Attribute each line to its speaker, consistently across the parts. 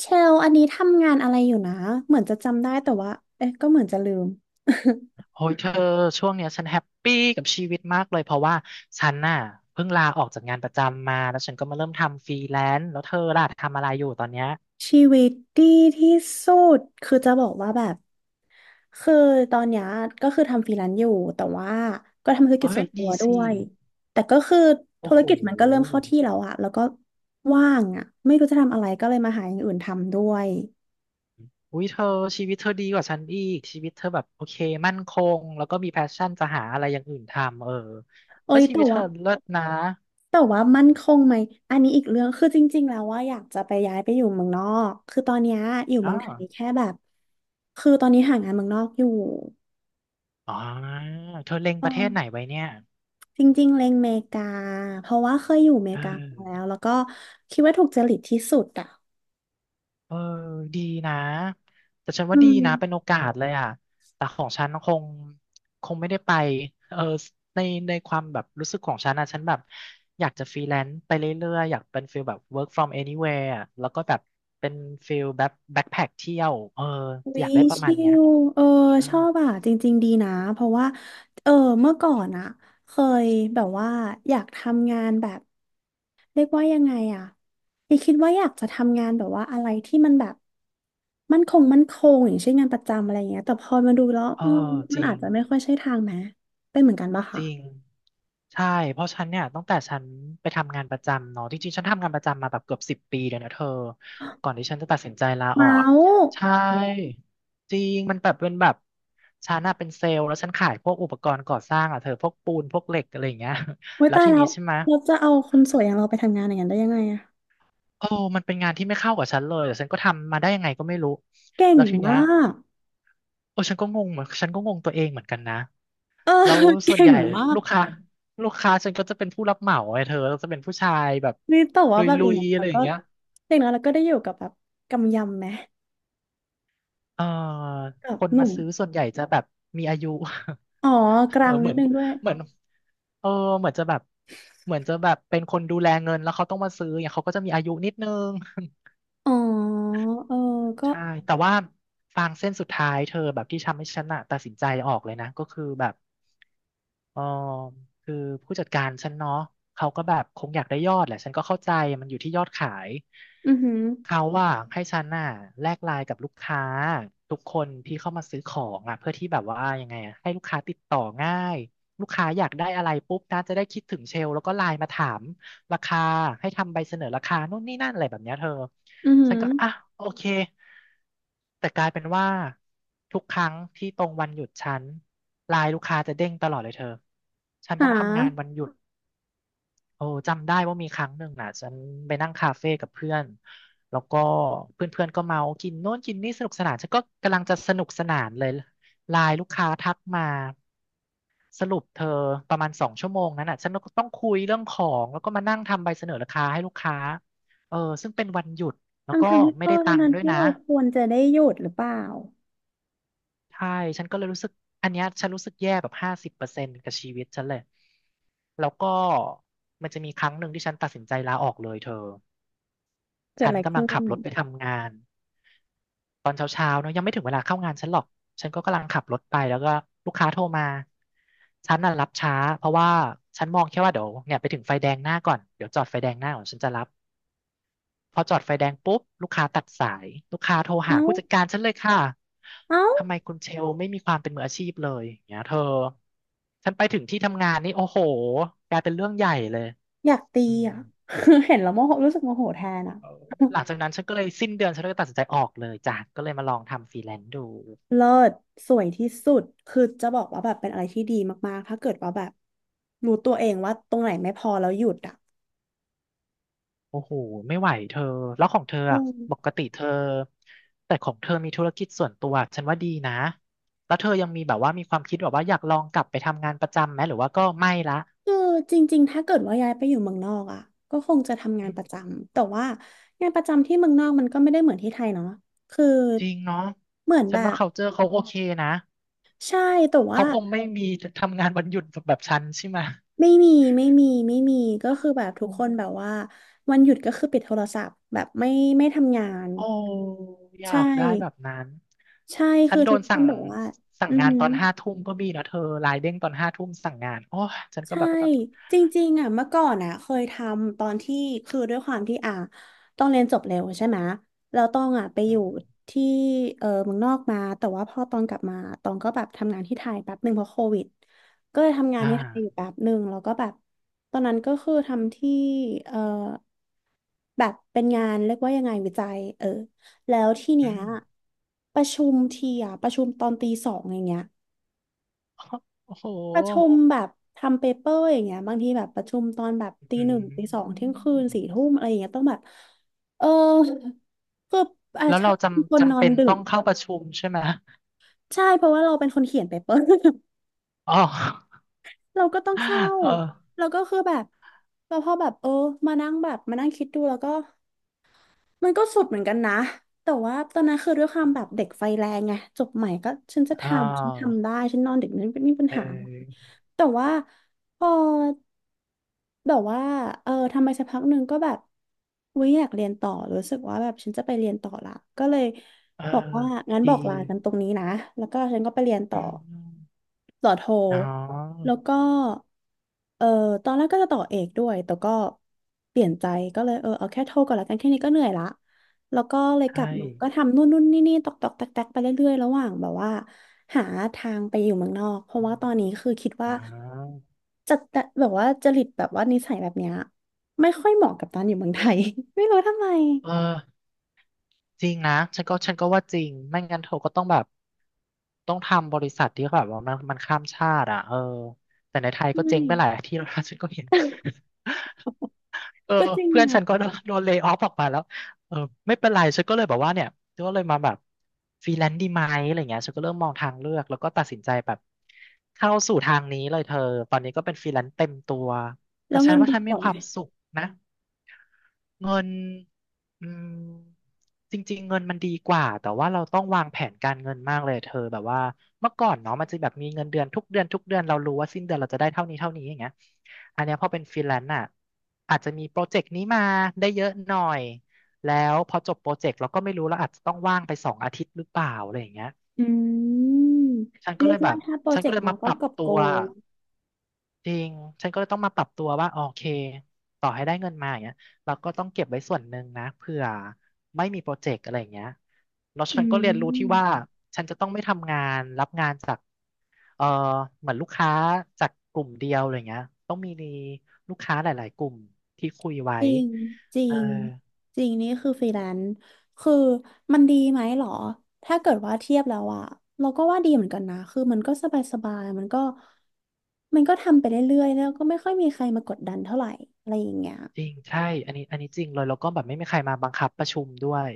Speaker 1: เชล อันนี้ทำงานอะไรอยู่นะเหมือนจะจำได้แต่ว่าเอ๊ะก็เหมือนจะลืม
Speaker 2: โอ้ยเธอช่วงเนี้ยฉันแฮปปี้กับชีวิตมากเลยเพราะว่าฉันน่ะเพิ่งลาออกจากงานประจำมาแล้วฉันก็มาเริ่มทำฟรีแลนซ์แล้วเธอล่ะทำอะไรอยู่ตอนเนี้ย
Speaker 1: ชีวิตดีที่สุดคือจะบอกว่าแบบคือตอนเนี้ยก็คือทำฟรีแลนซ์อยู่แต่ว่าก็ทำธุรกิจ
Speaker 2: เอ้
Speaker 1: ส่
Speaker 2: ย
Speaker 1: วนตัว
Speaker 2: ดี
Speaker 1: ด้
Speaker 2: สิ
Speaker 1: วยแต่ก็คือธุ
Speaker 2: โอ้
Speaker 1: ร
Speaker 2: โห
Speaker 1: กิจมันก็เริ่มเข้าที่แล้วอะแล้วก็ว่างอะไม่รู้จะทำอะไรก็เลยมาหาอย่างอื่นทำด้วย
Speaker 2: อุ้ยเธอชีวิตเธอดีกว่าฉันอีกชีวิตเธอแบบโอเคมั่นคงแล้วก็มีแพชชั่นจะหาอะไรอย่างอื่นทำเออ
Speaker 1: เอ้
Speaker 2: แล้ว
Speaker 1: ย
Speaker 2: ชี
Speaker 1: แต่
Speaker 2: วิตเธ
Speaker 1: ว่า
Speaker 2: อเลิศนะ
Speaker 1: แต่ว่ามั่นคงไหมอันนี้อีกเรื่องคือจริงๆแล้วว่าอยากจะไปย้ายไปอยู่เมืองนอกคือตอนเนี้ยอยู่
Speaker 2: อ๋อ
Speaker 1: เมืองไทยแค่แบบคือตอนนี้หางานเมืองนอกอยู่
Speaker 2: อ๋อเธอเล็ง
Speaker 1: เอ
Speaker 2: ประเทศไหน
Speaker 1: อ
Speaker 2: ไว้เนี่ย
Speaker 1: จริงๆเล็งเมกาเพราะว่าเคยอยู่เม
Speaker 2: เอ
Speaker 1: กามาแล้
Speaker 2: อ
Speaker 1: วแล้วก็คิดว่าถูกจริตที่สุดอ่ะ
Speaker 2: เออดีนะแต่ฉัน
Speaker 1: อื
Speaker 2: ว่าดีนะเป็นโอ
Speaker 1: ม
Speaker 2: กาสเลยอ่ะแต่ของฉันคงไม่ได้ไปเออในในความแบบรู้สึกของฉันนะฉันแบบอยากจะฟรีแลนซ์ไปเรื่อยๆอยากเป็นฟิลแบบ work from anywhere อะแล้วก็แบบเป็นฟิลแบบแบ็คแพ็คเที่ยวเออ
Speaker 1: วิ
Speaker 2: อยากได้ประมา
Speaker 1: ชิ
Speaker 2: ณเนี้ย
Speaker 1: วเออ
Speaker 2: ใช่
Speaker 1: ชอบอ่ะจริงๆดีนะเพราะว่าเออเมื่อก่อนอ่ะเคยแบบว่าอยากทำงานแบบเรียกว่ายังไงอ่ะยังคิดว่าอยากจะทำงานแบบว่าอะไรที่มันแบบมั่นคงมั่นคงอย่างเช่นงานประจำอะไรอย่างเงี้ยแต่พอมาดูแล้ว
Speaker 2: เอ
Speaker 1: เอ
Speaker 2: อ
Speaker 1: อ
Speaker 2: จ
Speaker 1: มัน
Speaker 2: ริ
Speaker 1: อาจ
Speaker 2: ง
Speaker 1: จะไม่ค่อยใช่ทางไหมเป็นเหมือนกันปะ
Speaker 2: จ
Speaker 1: คะ
Speaker 2: ริงใช่เพราะฉันเนี่ยตั้งแต่ฉันไปทำงานประจำเนาะจริงๆฉันทำงานประจำมาแบบเกือบ10 ปีเลยนะเธอ ก่อนที่ฉันจะตัดสินใจลาออ
Speaker 1: เมา
Speaker 2: กอะ
Speaker 1: ส์
Speaker 2: ใช่จริงมันแบบเป็นแบบฉันน่ะเป็นเซลล์แล้วฉันขายพวกอุปกรณ์ก่อสร้างอ่ะเธอพวกปูนพวกเหล็กอะไรอย่างเงี้ย
Speaker 1: โว้ ย
Speaker 2: แล้ว
Speaker 1: ตาย
Speaker 2: ที
Speaker 1: แล้
Speaker 2: นี้
Speaker 1: ว
Speaker 2: ใช่ไหม
Speaker 1: เราจะเอาคนสวยอย่างเราไปทำงานอย่างนั้นได้ยังไงอะ
Speaker 2: โอ้มันเป็นงานที่ไม่เข้ากับฉันเลยแต่ฉันก็ทำมาได้ยังไงก็ไม่รู้
Speaker 1: เก่ง
Speaker 2: แล้วทีเนี้
Speaker 1: มา
Speaker 2: ย
Speaker 1: ก
Speaker 2: โอ้ฉันก็งงเหมือนฉันก็งงตัวเองเหมือนกันนะ
Speaker 1: เออ
Speaker 2: แล้ว ส่วน
Speaker 1: เก่
Speaker 2: ให
Speaker 1: ง
Speaker 2: ญ่
Speaker 1: มาก
Speaker 2: ลูกค้าลูกค้าฉันก็จะเป็นผู้รับเหมาไอ้เธอแล้วจะเป็นผู้ชายแบบ
Speaker 1: นี่แต่
Speaker 2: ล
Speaker 1: ว่าแบบอ
Speaker 2: ุ
Speaker 1: ย่าง
Speaker 2: ย
Speaker 1: น้อย
Speaker 2: ๆอะไร
Speaker 1: เรา
Speaker 2: อย่า
Speaker 1: ก็
Speaker 2: งเงี้ย
Speaker 1: อย่างน้อยเราก็ได้อยู่กับแบบกำยำไหม
Speaker 2: เออ
Speaker 1: กับ
Speaker 2: คน
Speaker 1: ห
Speaker 2: มา
Speaker 1: นุ่ม
Speaker 2: ซื้อส่วนใหญ่จะแบบมีอายุ
Speaker 1: อ๋อ ก
Speaker 2: เอ
Speaker 1: ลา
Speaker 2: อ
Speaker 1: ง
Speaker 2: เห
Speaker 1: นิ
Speaker 2: มื
Speaker 1: ด
Speaker 2: อน
Speaker 1: นึงด้วย
Speaker 2: เหมือนเออเหมือนจะแบบเหมือนจะแบบเป็นคนดูแลเงินแล้วเขาต้องมาซื้อเนี่ยเขาก็จะมีอายุนิดนึง
Speaker 1: อ๋อเออก็
Speaker 2: ใช่แต่ว่าฟางเส้นสุดท้ายเธอแบบที่ทำให้ฉันอะตัดสินใจออกเลยนะก็คือแบบ เออคือผู้จัดการฉันเนาะเขาก็แบบคงอยากได้ยอดแหละฉันก็เข้าใจมันอยู่ที่ยอดขาย
Speaker 1: อือหือ
Speaker 2: เขาว่าให้ฉันน่ะแลกไลน์กับลูกค้าทุกคนที่เข้ามาซื้อของอ่ะเพื่อที่แบบว่ายังไงอ่ะให้ลูกค้าติดต่อง่ายลูกค้าอยากได้อะไรปุ๊บนะจะได้คิดถึงเชลแล้วก็ไลน์มาถามราคาให้ทำใบเสนอราคานู่นนี่นั่นอะไรแบบเนี้ยเธอ
Speaker 1: อือหื
Speaker 2: ฉัน
Speaker 1: อ
Speaker 2: ก็อ่ะโอเค แต่กลายเป็นว่าทุกครั้งที่ตรงวันหยุดฉันไลน์ลูกค้าจะเด้งตลอดเลยเธอฉันต้อ
Speaker 1: หา
Speaker 2: งทำงานวันหยุดโอ้จำได้ว่ามีครั้งหนึ่งน่ะฉันไปนั่งคาเฟ่กับเพื่อนแล้วก็เพื่อนๆก็เมากินโน่นกินนี่สนุกสนานฉันก็กำลังจะสนุกสนานเลยไลน์ลูกค้าทักมาสรุปเธอประมาณ2 ชั่วโมงนั้นน่ะฉันก็ต้องคุยเรื่องของแล้วก็มานั่งทำใบเสนอราคาให้ลูกค้าเออซึ่งเป็นวันหยุดแล้ว
Speaker 1: ทั้ง
Speaker 2: ก็
Speaker 1: ทางที่
Speaker 2: ไม่
Speaker 1: เอ
Speaker 2: ได้
Speaker 1: อ
Speaker 2: ตั
Speaker 1: ทั้ง
Speaker 2: งค์
Speaker 1: ทาง
Speaker 2: ด้วย
Speaker 1: ที่
Speaker 2: นะ
Speaker 1: เราควรจะได้หยุดหรือเปล่า
Speaker 2: ใช่ฉันก็เลยรู้สึกอันเนี้ยฉันรู้สึกแย่แบบ50%กับชีวิตฉันเลยแล้วก็มันจะมีครั้งหนึ่งที่ฉันตัดสินใจลาออกเลยเธอ
Speaker 1: เกิด
Speaker 2: ฉั
Speaker 1: อะ
Speaker 2: น
Speaker 1: ไร
Speaker 2: กำลั
Speaker 1: ขึ้
Speaker 2: งขั
Speaker 1: น
Speaker 2: บรถไปทำงานตอนเช้าๆเนอะยังไม่ถึงเวลาเข้างานฉันหรอกฉันก็กำลังขับรถไปแล้วก็ลูกค้าโทรมาฉันน่ะรับช้าเพราะว่าฉันมองแค่ว่าเดี๋ยวเนี่ยไปถึงไฟแดงหน้าก่อนเดี๋ยวจอดไฟแดงหน้าก่อนฉันจะรับ พอจอดไฟแดงปุ๊บลูกค้าตัดสายลูกค้าโทรหา
Speaker 1: เอ้า
Speaker 2: ผู้จัดการฉันเลยค่ะ
Speaker 1: เอ้า
Speaker 2: ทำไมคุณเชลไม่มีความเป็นมืออาชีพเลยอย่างเงี้ยเธอฉันไปถึงที่ทำงานนี่โอ้โหกลายเป็นเรื่องใหญ่เลย
Speaker 1: อยากตี
Speaker 2: อืม
Speaker 1: อ่ะ เห็นแล้วโมโหรู้สึกโมโหแทนอ่ะ
Speaker 2: หลังจากนั้นฉันก็เลยสิ้นเดือนฉันก็เลยตัดสินใจออกเลยจ้ะก็เลยมาลองทำฟรีแลนซ์ดู
Speaker 1: เลิศสวยที่สุดคือจะบอกว่าแบบเป็นอะไรที่ดีมากๆถ้าเกิดว่าแบบรู้ตัวเองว่าตรงไหนไม่พอแล้วหยุดอ่ะ
Speaker 2: โอ้โหไม่ไหวเธอแล้วของเธอ
Speaker 1: เอ
Speaker 2: อะปก
Speaker 1: อ
Speaker 2: ติเธอแต่ของเธอมีธุรกิจส่วนตัวฉันว่าดีนะแล้วเธอยังมีแบบว่ามีความคิดแบบว่าอยากลองกลับไปทำงานประจำไหมหรือว่าก็ไม่ละ
Speaker 1: คือจริงๆถ้าเกิดว่าย้ายไปอยู่เมืองนอกอ่ะก็คงจะทำงานประจำแต่ว่างานประจำที่เมืองนอกมันก็ไม่ได้เหมือนที่ไทยเนาะคือ
Speaker 2: จริงเนาะ
Speaker 1: เหมือน
Speaker 2: ฉั
Speaker 1: แบ
Speaker 2: นว่า
Speaker 1: บ
Speaker 2: culture เขาโอเคนะ
Speaker 1: ใช่แต่ว่า
Speaker 2: เขาคงไม่มีทำงานวันหยุดแบบฉันใช่ไหม
Speaker 1: ไม่มีไม่มีไม่มีก็คือแบบทุ
Speaker 2: อื
Speaker 1: กคน
Speaker 2: ม
Speaker 1: แบบว่าวันหยุดก็คือปิดโทรศัพท์แบบไม่ไม่ทำงาน
Speaker 2: โอ้อ
Speaker 1: ใช่
Speaker 2: ยากได้แบบนั้น
Speaker 1: ใช่
Speaker 2: ฉั
Speaker 1: คื
Speaker 2: น
Speaker 1: อ
Speaker 2: โด
Speaker 1: ทุก
Speaker 2: น
Speaker 1: ค
Speaker 2: สั่
Speaker 1: น
Speaker 2: ง
Speaker 1: แบบว่า
Speaker 2: สั่
Speaker 1: อื
Speaker 2: ง
Speaker 1: อ
Speaker 2: งาน
Speaker 1: หื
Speaker 2: ต
Speaker 1: อ
Speaker 2: อนห้าทุ่มก็มีนะเธอไลน์เด้งตอนห้าทุ่มสั่งงานโอ้ยฉันก็
Speaker 1: ใช่
Speaker 2: แบบ
Speaker 1: จริงๆอ่ะเมื่อก่อนอ่ะเคยทำตอนที่คือด้วยความที่อ่ะต้องเรียนจบเร็วใช่ไหมแล้วต้องอ่ะไปอ
Speaker 2: อ
Speaker 1: ยู่
Speaker 2: ม
Speaker 1: ที่เออเมืองนอกมาแต่ว่าพอตอนกลับมาตองก็แบบทำงานที่ไทยแป๊บหนึ่งเพราะโควิดก็เลยทำงาน
Speaker 2: อ่า
Speaker 1: ที่ไทยอยู่แป๊บหนึ่งแล้วก็แบบตอนนั้นก็คือทำที่เออแบบเป็นงานเรียกว่ายังไงวิจัยเออแล้วที่
Speaker 2: อื
Speaker 1: เนี้ย
Speaker 2: ม
Speaker 1: ประชุมทีอ่ะประชุมตอนตีสองอย่างเงี้ย
Speaker 2: โอ้โห
Speaker 1: ประชุมแบบทำเปเปอร์อย่างเงี้ยบางทีแบบประชุมตอนแบบตี
Speaker 2: อื
Speaker 1: หนึ่งตีสองเที่ย
Speaker 2: ม
Speaker 1: งคืนสี่ทุ่มอะไรอย่างเงี้ยต้องแบบเออคืออา
Speaker 2: แล้ว
Speaker 1: ชา
Speaker 2: เรา
Speaker 1: เป็นค
Speaker 2: จำ
Speaker 1: นน
Speaker 2: จำ
Speaker 1: อน
Speaker 2: เป็น
Speaker 1: ดึ
Speaker 2: ต้อ
Speaker 1: ก
Speaker 2: งเข้าประชุมใช่ไหม
Speaker 1: ใช่เพราะว่าเราเป็นคนเขียนเป เปอร์
Speaker 2: อ๋อ
Speaker 1: เราก็ต้องเข้า
Speaker 2: เออ
Speaker 1: แล้วก็คือแบบแล้วพอแบบเออมานั่งแบบมานั่งคิดดูแล้วก็มันก็สุดเหมือนกันนะแต่ว่าตอนนั้นคือด้วยความแบบเด็กไฟแรงไงจบใหม่ก็ฉันจะท
Speaker 2: อ่
Speaker 1: ำฉัน
Speaker 2: า
Speaker 1: ทำได้ฉันนอนดึกนั้นไม่มีปัญ
Speaker 2: เอ
Speaker 1: หาอะไร
Speaker 2: อ
Speaker 1: แต่ว่าพอ แบบว่าเออทำไมสักพักหนึ่งก็แบบวิอยากเรียนต่อรู้สึกว่าแบบฉันจะไปเรียนต่อละก็เลย
Speaker 2: เอ
Speaker 1: บอก
Speaker 2: อ
Speaker 1: ว่างั้นบ
Speaker 2: ดี
Speaker 1: อกลากันตรงนี้นะ แล้วก็ฉันก็ไปเรียนต่
Speaker 2: อื
Speaker 1: อ
Speaker 2: ม
Speaker 1: ต่อโท
Speaker 2: อ๋อ
Speaker 1: แล้วก็เออตอนแรกก็จะต่อเอกด้วยแต่ก็เปลี่ยนใจก็เลยเออเอาแค่โทก่อนละกันแค่นี้ก็เหนื่อยละแล้วก็เลยก
Speaker 2: ใช่
Speaker 1: ลับมาก็ทำนู่นนู่นนี่นี่ตอกตอกแตกแตกไปเรื่อยๆระหว่างแบบว่าหาทางไปอยู่เมืองนอกเพ
Speaker 2: อ
Speaker 1: ราะว่า
Speaker 2: ม
Speaker 1: ตอนนี้คือคิด
Speaker 2: อ๋
Speaker 1: ว่า
Speaker 2: อ
Speaker 1: จะแบบว่าจริตแบบว่านิสัยแบบเนี้ยไม่ค่อยเหมาะกับตอนอยู่เมืองไทย ไม่รู้ทำไม
Speaker 2: เออจริงนะฉันก็ว่าจริงไม่งั้นเธอก็ต้องแบบ ต้องทำบริษัทที่แบบว่ามันข้ามชาติอ่ะเออแต่ในไทยก็
Speaker 1: ไม่
Speaker 2: เจ๊งไปหลายที่แล้วนะ ฉันก็เห็น เออ
Speaker 1: ก็จริง
Speaker 2: เพื่อน
Speaker 1: นะ
Speaker 2: ฉันก็โดนเลย์ออฟออกมาแล้วเออไม่เป็นไรฉันก็เลยแบบว่าเนี่ย ฉันก็เลยมาแบบฟรีแลนซ์ดีไหมอะไรเงี้ยฉันก็เริ่มมองทางเลือก แล้วก็ตัดสินใจแบบเข้าสู่ทางนี้เลยเธอตอนนี้ก็เป็นฟรีแลนซ์เต็มตัว
Speaker 1: แล้
Speaker 2: แต่
Speaker 1: ว
Speaker 2: ฉั
Speaker 1: เงิ
Speaker 2: น
Speaker 1: น
Speaker 2: ว่า
Speaker 1: ดี
Speaker 2: ฉัน
Speaker 1: ก
Speaker 2: มี
Speaker 1: ว่า
Speaker 2: ค
Speaker 1: ไหม
Speaker 2: วามสุขนะ เงินอืมจริงๆเงินมันดีกว่าแต่ว่าเราต้องวางแผนการเงินมากเลยเธอแบบว่าเมื่อก่อนเนาะมันจะแบบมีเงินเดือนทุกเดือนเรารู้ว่าสิ้นเดือนเราจะได้เท่านี้อย่างเงี้ยอันเนี้ยพอเป็นฟรีแลนซ์อ่ะอาจจะมีโปรเจกต์นี้มาได้เยอะหน่อยแล้วพอจบโปรเจกต์เราก็ไม่รู้เราอาจจะต้องว่างไป2 อาทิตย์หรือเปล่าอะไรอย่างเงี้ย
Speaker 1: อืม
Speaker 2: ฉันก็
Speaker 1: เรี
Speaker 2: เล
Speaker 1: ยก
Speaker 2: ยแบ
Speaker 1: ว่า
Speaker 2: บ
Speaker 1: ถ้าโปร
Speaker 2: ฉัน
Speaker 1: เจ
Speaker 2: ก็
Speaker 1: ก
Speaker 2: เล
Speaker 1: ต์
Speaker 2: ย
Speaker 1: มา
Speaker 2: มาป
Speaker 1: ก็
Speaker 2: รับ
Speaker 1: กอบ
Speaker 2: ตั
Speaker 1: โก
Speaker 2: ว
Speaker 1: ย
Speaker 2: จริงฉันก็เลยต้องมาปรับตัวว่าโอเคต่อให้ได้เงินมาอย่างเงี้ยเราก็ต้องเก็บไว้ส่วนหนึ่งนะเผื่อไม่มีโปรเจกต์อะไรอย่างเงี้ยแล้ว
Speaker 1: อื
Speaker 2: ฉันก็เรียนรู้ที่
Speaker 1: ม
Speaker 2: ว่าฉันจะต้องไม่ทำงานรับงานจากเออเหมือนลูกค้าจากกลุ่มเดียวอะไรเงี้ยต้องมีลูกค้าหลาย ๆกลุ่มที่คุยไว้
Speaker 1: จริงจริ
Speaker 2: เออ
Speaker 1: งจริงนี่คือฟรีแลนซ์คือมันดีไหมหรอถ้าเกิดว่าเทียบแล้วอะเราก็ว่าดีเหมือนกันนะคือมันก็สบายสบายมันก็มันก็ทำไปเรื่อยๆแล้วก็ไม่ค่อยมีใครมากดดันเท่าไหร่อะไรอย่างเงี้ย
Speaker 2: จริงใช่อันนี้จริงเลยแล้วก็แบบไม่มีใครมาบังคับประชุมด้วย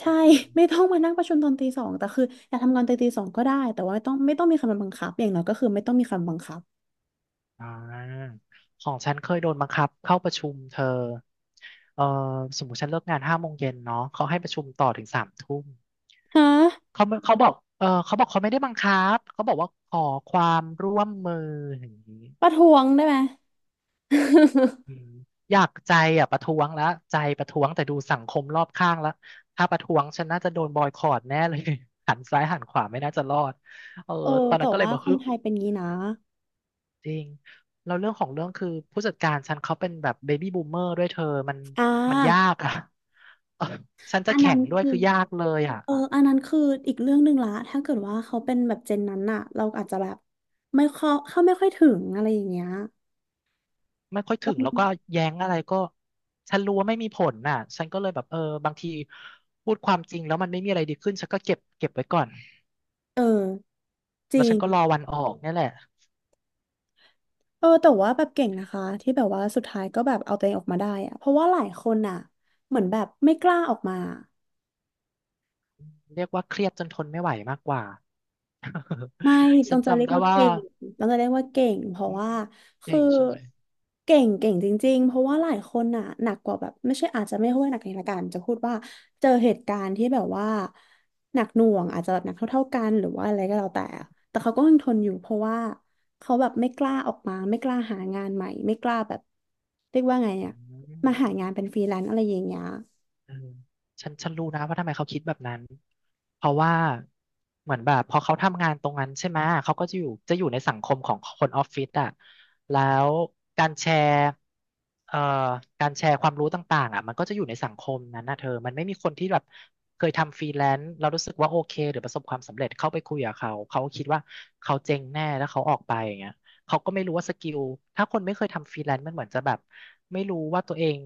Speaker 1: ใช่ ไม่ต้องมานั่งประชุมตอนตีสองแต่คืออยากทำงานตอนตีสองก็ได้แต่ว่าไม่ต้องไม่ต้องมีใครมาบังคับอย่างน้อยก็คือไม่ต้องมีใครมาบังคับ
Speaker 2: อ่าของฉันเคยโดนบังคับเข้าประชุมเธอเออสมมติฉันเลิกงาน5 โมงเย็นเนาะเขาให้ประชุมต่อถึง3 ทุ่ม
Speaker 1: ฮะ
Speaker 2: เขาไม่เขาบอก เออเขาบอกเขาไม่ได้บังคับเขาบอกว่าขอความร่วมมืออย่างนี้
Speaker 1: ประท้วงได้ไหม
Speaker 2: อืมอยากใจอ่ะประท้วงแล้วใจประท้วงแต่ดูสังคมรอบข้างแล้วถ้าประท้วงฉันน่าจะโดนบอยคอตแน่เลย หันซ้ายหันขวาไม่น่าจะรอดเออ
Speaker 1: เออ
Speaker 2: ตอน
Speaker 1: แต่
Speaker 2: นั้นก็เลย
Speaker 1: ว่า
Speaker 2: บอก
Speaker 1: ค
Speaker 2: ฮึ
Speaker 1: น
Speaker 2: บ
Speaker 1: ไทยเป็นงี้นะ
Speaker 2: จริงแล้วเรื่องของเรื่องคือผู้จัดการฉันเขาเป็นแบบเบบี้บูมเมอร์ด้วยเธอมัน
Speaker 1: อ่า
Speaker 2: มันยากอ่ะ เออฉันจะ
Speaker 1: อัน
Speaker 2: แข่
Speaker 1: นั้น
Speaker 2: งด้วย
Speaker 1: คือ
Speaker 2: คือยากเลยอ่ะ
Speaker 1: อันนั้นคืออีกเรื่องหนึ่งละถ้าเกิดว่าเขาเป็นแบบเจนนั้นน่ะเราอาจจะแบบไม่เข้าไม่ค่อยถึงอะไรอย่างเงี้ย
Speaker 2: ไม่ค่อยถึ
Speaker 1: เ
Speaker 2: งแล้วก็แย้งอะไรก็ฉันรู้ว่าไม่มีผลน่ะฉันก็เลยแบบเออบางทีพูดความจริงแล้วมันไม่มีอะไรดีขึ้นฉันก็เก็บไว้ก่อน
Speaker 1: ออจ
Speaker 2: แล้
Speaker 1: ริ
Speaker 2: วฉั
Speaker 1: ง
Speaker 2: นก็รอวันออกเนี่ยแหละ
Speaker 1: เออแต่ว่าแบบเก่งนะคะที่แบบว่าสุดท้ายก็แบบเอาตัวเองออกมาได้อะเพราะว่าหลายคนอ่ะเหมือนแบบไม่กล้าออกมา
Speaker 2: เรียกว่าเครียดจนทนไม่ไหวมากกว่า
Speaker 1: ไม่ ต้
Speaker 2: ฉั
Speaker 1: อ
Speaker 2: น
Speaker 1: งจะเรี
Speaker 2: จำ
Speaker 1: ยก
Speaker 2: ได้
Speaker 1: ว่า
Speaker 2: ว่า
Speaker 1: เก่งต้องจะเรียกว่าเก่งเพราะ
Speaker 2: อืม
Speaker 1: ว่าคื
Speaker 2: เก่
Speaker 1: อ
Speaker 2: งใช่ไหม
Speaker 1: เก่งเก่งจริงๆเพราะว่าหลายคนน่ะหนักกว่าแบบไม่ใช่อาจจะไม่ค่อยหนักในละกันจะพูดว่าเจอเหตุการณ์ที่แบบว่าหนักหน่วงอาจจะแบบหนักเท่าๆกันหรือว่าอะไรก็แล้วแต่อะแต่เขาก็ยังทนอยู่เพราะว่าเขาแบบไม่กล้าออกมาไม่กล้าหางานใหม่ไม่กล้าแบบเรียกว่าไง
Speaker 2: อื
Speaker 1: อะ
Speaker 2: ม
Speaker 1: มาหางานเป็นฟรีแลนซ์อะไรอย่างเงี้ย
Speaker 2: เออฉันรู้นะว่าทำไมเขาคิดแบบนั้น เพราะว่าเหมือนแบบพอเขาทำงานตรงนั้นใช่ไหมเขาก็จะอยู่ในสังคมของคนออฟฟิศอ่ะแล้วการแชร์เอ่อการแชร์ความรู้ต่างๆอ่ะมันก็จะอยู่ในสังคมนั้นนะเธอมันไม่มีคนที่แบบเคยทำฟรีแลนซ์เรารู้สึกว่าโอเคหรือประสบความสำเร็จเข้าไปคุยกับเขาเขาคิดว่าเขาเจ๊งแน่แล้วเขาออกไปอย่างเงี้ย เขาก็ไม่รู้ว่าสกิลถ้าคนไม่เคยทำฟรีแลนซ์มันเหมือนจะแบบไม่รู้ว่าตัวเอง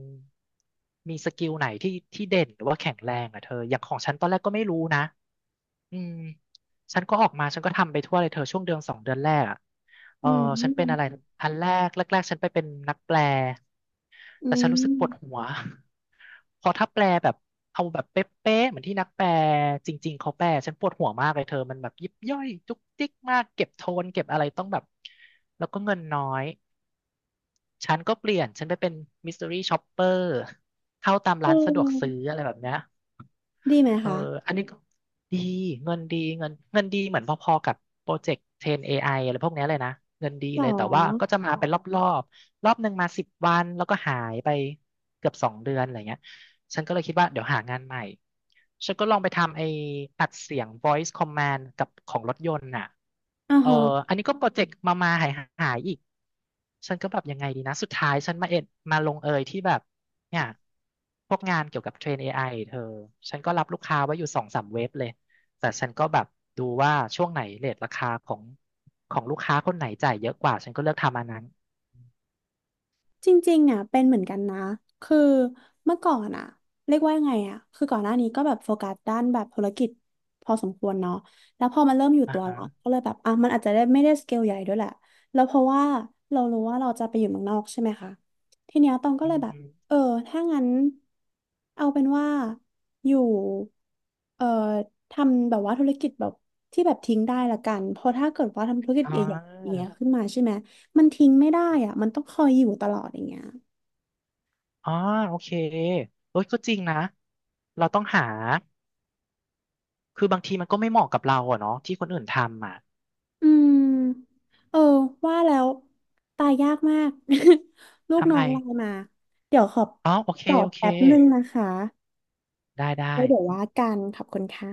Speaker 2: มีสกิลไหนที่เด่นหรือว่าแข็งแรงอ่ะเธอ อย่างของฉันตอนแรกก็ไม่รู้นะอืมฉันก็ออกมาฉันก็ทำไปทั่วเลยเธอช่วงเดือน2 เดือนแรกอะเอ
Speaker 1: อื
Speaker 2: อฉันเป็นอะไร
Speaker 1: ม
Speaker 2: อันแรกๆฉันไปเป็นนักแปล
Speaker 1: อื
Speaker 2: แต่ฉันรู้สึกปวดหั
Speaker 1: ม
Speaker 2: ว พอถ้าแปลแบบเอาแบบเป๊ะๆเหมือนที่นักแปลจริงๆเขาแปลฉันปวดหัวมากเลยเธอมันแบบยิบย่อยจุกจิกมากเก็บโทนเก็บอะไรต้องแบบแล้วก็เงินน้อยฉันก็เปลี่ยนฉันไปเป็นมิส t ต r รี่ช็อปเปอร์เข้าตาม
Speaker 1: เ
Speaker 2: ร้านสะดวกซื้อ
Speaker 1: ออ
Speaker 2: อะไรแบบเนี้ย
Speaker 1: ดีไหม
Speaker 2: เออ
Speaker 1: คะ
Speaker 2: อันนี้ก็ดีเงินดีเงินดีเหมือนพอๆกับโปรเจกต์เทรน AI อไออะไรพวกเนี้ยเลยนะ เงินดี
Speaker 1: หร
Speaker 2: เลยแต่ว่าก็
Speaker 1: อ
Speaker 2: จะมาเป็นรอบหนึ่งมา10 วันแล้วก็หายไปเกือบสองเดือนอะไรเงี้ยฉันก็เลยคิดว่าเดี๋ยวหางานใหม่ ฉันก็ลองไปทำไอ้อัดเสียง voice command กับของรถยนต์น่ะ
Speaker 1: อ๋
Speaker 2: เออ
Speaker 1: อ
Speaker 2: อันนี้ก็โปรเจกต์มาหายหายอีก ฉันก็แบบยังไงดีนะ สุดท้ายฉันมาเอ็ดมาลงเอยที่แบบ เนี่ยพวกงานเกี่ยวกับเทรน AI เธอฉันก็รับลูกค้าไว้อยู่2-3 เว็บเลยแต่ฉันก็แบบดูว่าช่วงไหนเรทราคาของของลูกค้าคนไหนจ่ายเยอะกว่าฉันก็เลือกทำอันนั้น
Speaker 1: จริงๆอ่ะเป็นเหมือนกันนะคือเมื่อก่อนอ่ะเรียกว่ายังไงอ่ะคือก่อนหน้านี้ก็แบบโฟกัสด้านแบบธุรกิจพอสมควรเนาะแล้วพอมันเริ่มอยู่
Speaker 2: อ่า
Speaker 1: ตัวแล้
Speaker 2: ฮะ
Speaker 1: วก็เลยแบบอ่ะ มันอาจจะได้ไม่ได้สเกลใหญ่ด้วยแหละ แล้วเพราะว่าเรารู้ว่าเราจะไปอยู่เมืองนอกใช่ไหมคะ ทีเนี้ยตองก็
Speaker 2: อื
Speaker 1: เลย
Speaker 2: ม
Speaker 1: แบ
Speaker 2: อ
Speaker 1: บ
Speaker 2: ม
Speaker 1: เออถ้างั้นเอาเป็นว่าอยู่เอ่อทำแบบว่าธุรกิจแบบที่แบบทิ้งได้ละกันเพราะถ้าเกิดว่าทำธุรกิจ
Speaker 2: อ่
Speaker 1: ใหญ่ๆอย่างเงี้ย
Speaker 2: า
Speaker 1: ขึ้นมาใช่ไหม มันทิ้งไม่ได้อ่ะมันต้องคอยอยู่ตลอดอย่างเงี้ย
Speaker 2: อ๋อโอเคเอ้ยก็จริงนะเราต้องหาคือบางทีมันก็ไม่เหมาะกับเราอะเนาะที่คนอื่นทำอ่ะ
Speaker 1: อืมเออ ว่าแล้วตายยากมาก ลูก
Speaker 2: ทำ
Speaker 1: น้อ
Speaker 2: ไม
Speaker 1: งไลน์มา เดี๋ยวขอ
Speaker 2: อ๋อโอเค
Speaker 1: ตอบ
Speaker 2: โอเค
Speaker 1: แป๊บนึงนะคะ
Speaker 2: ได้ได้
Speaker 1: แล้วเดี๋ยวว่ากันขอบคุณค่ะ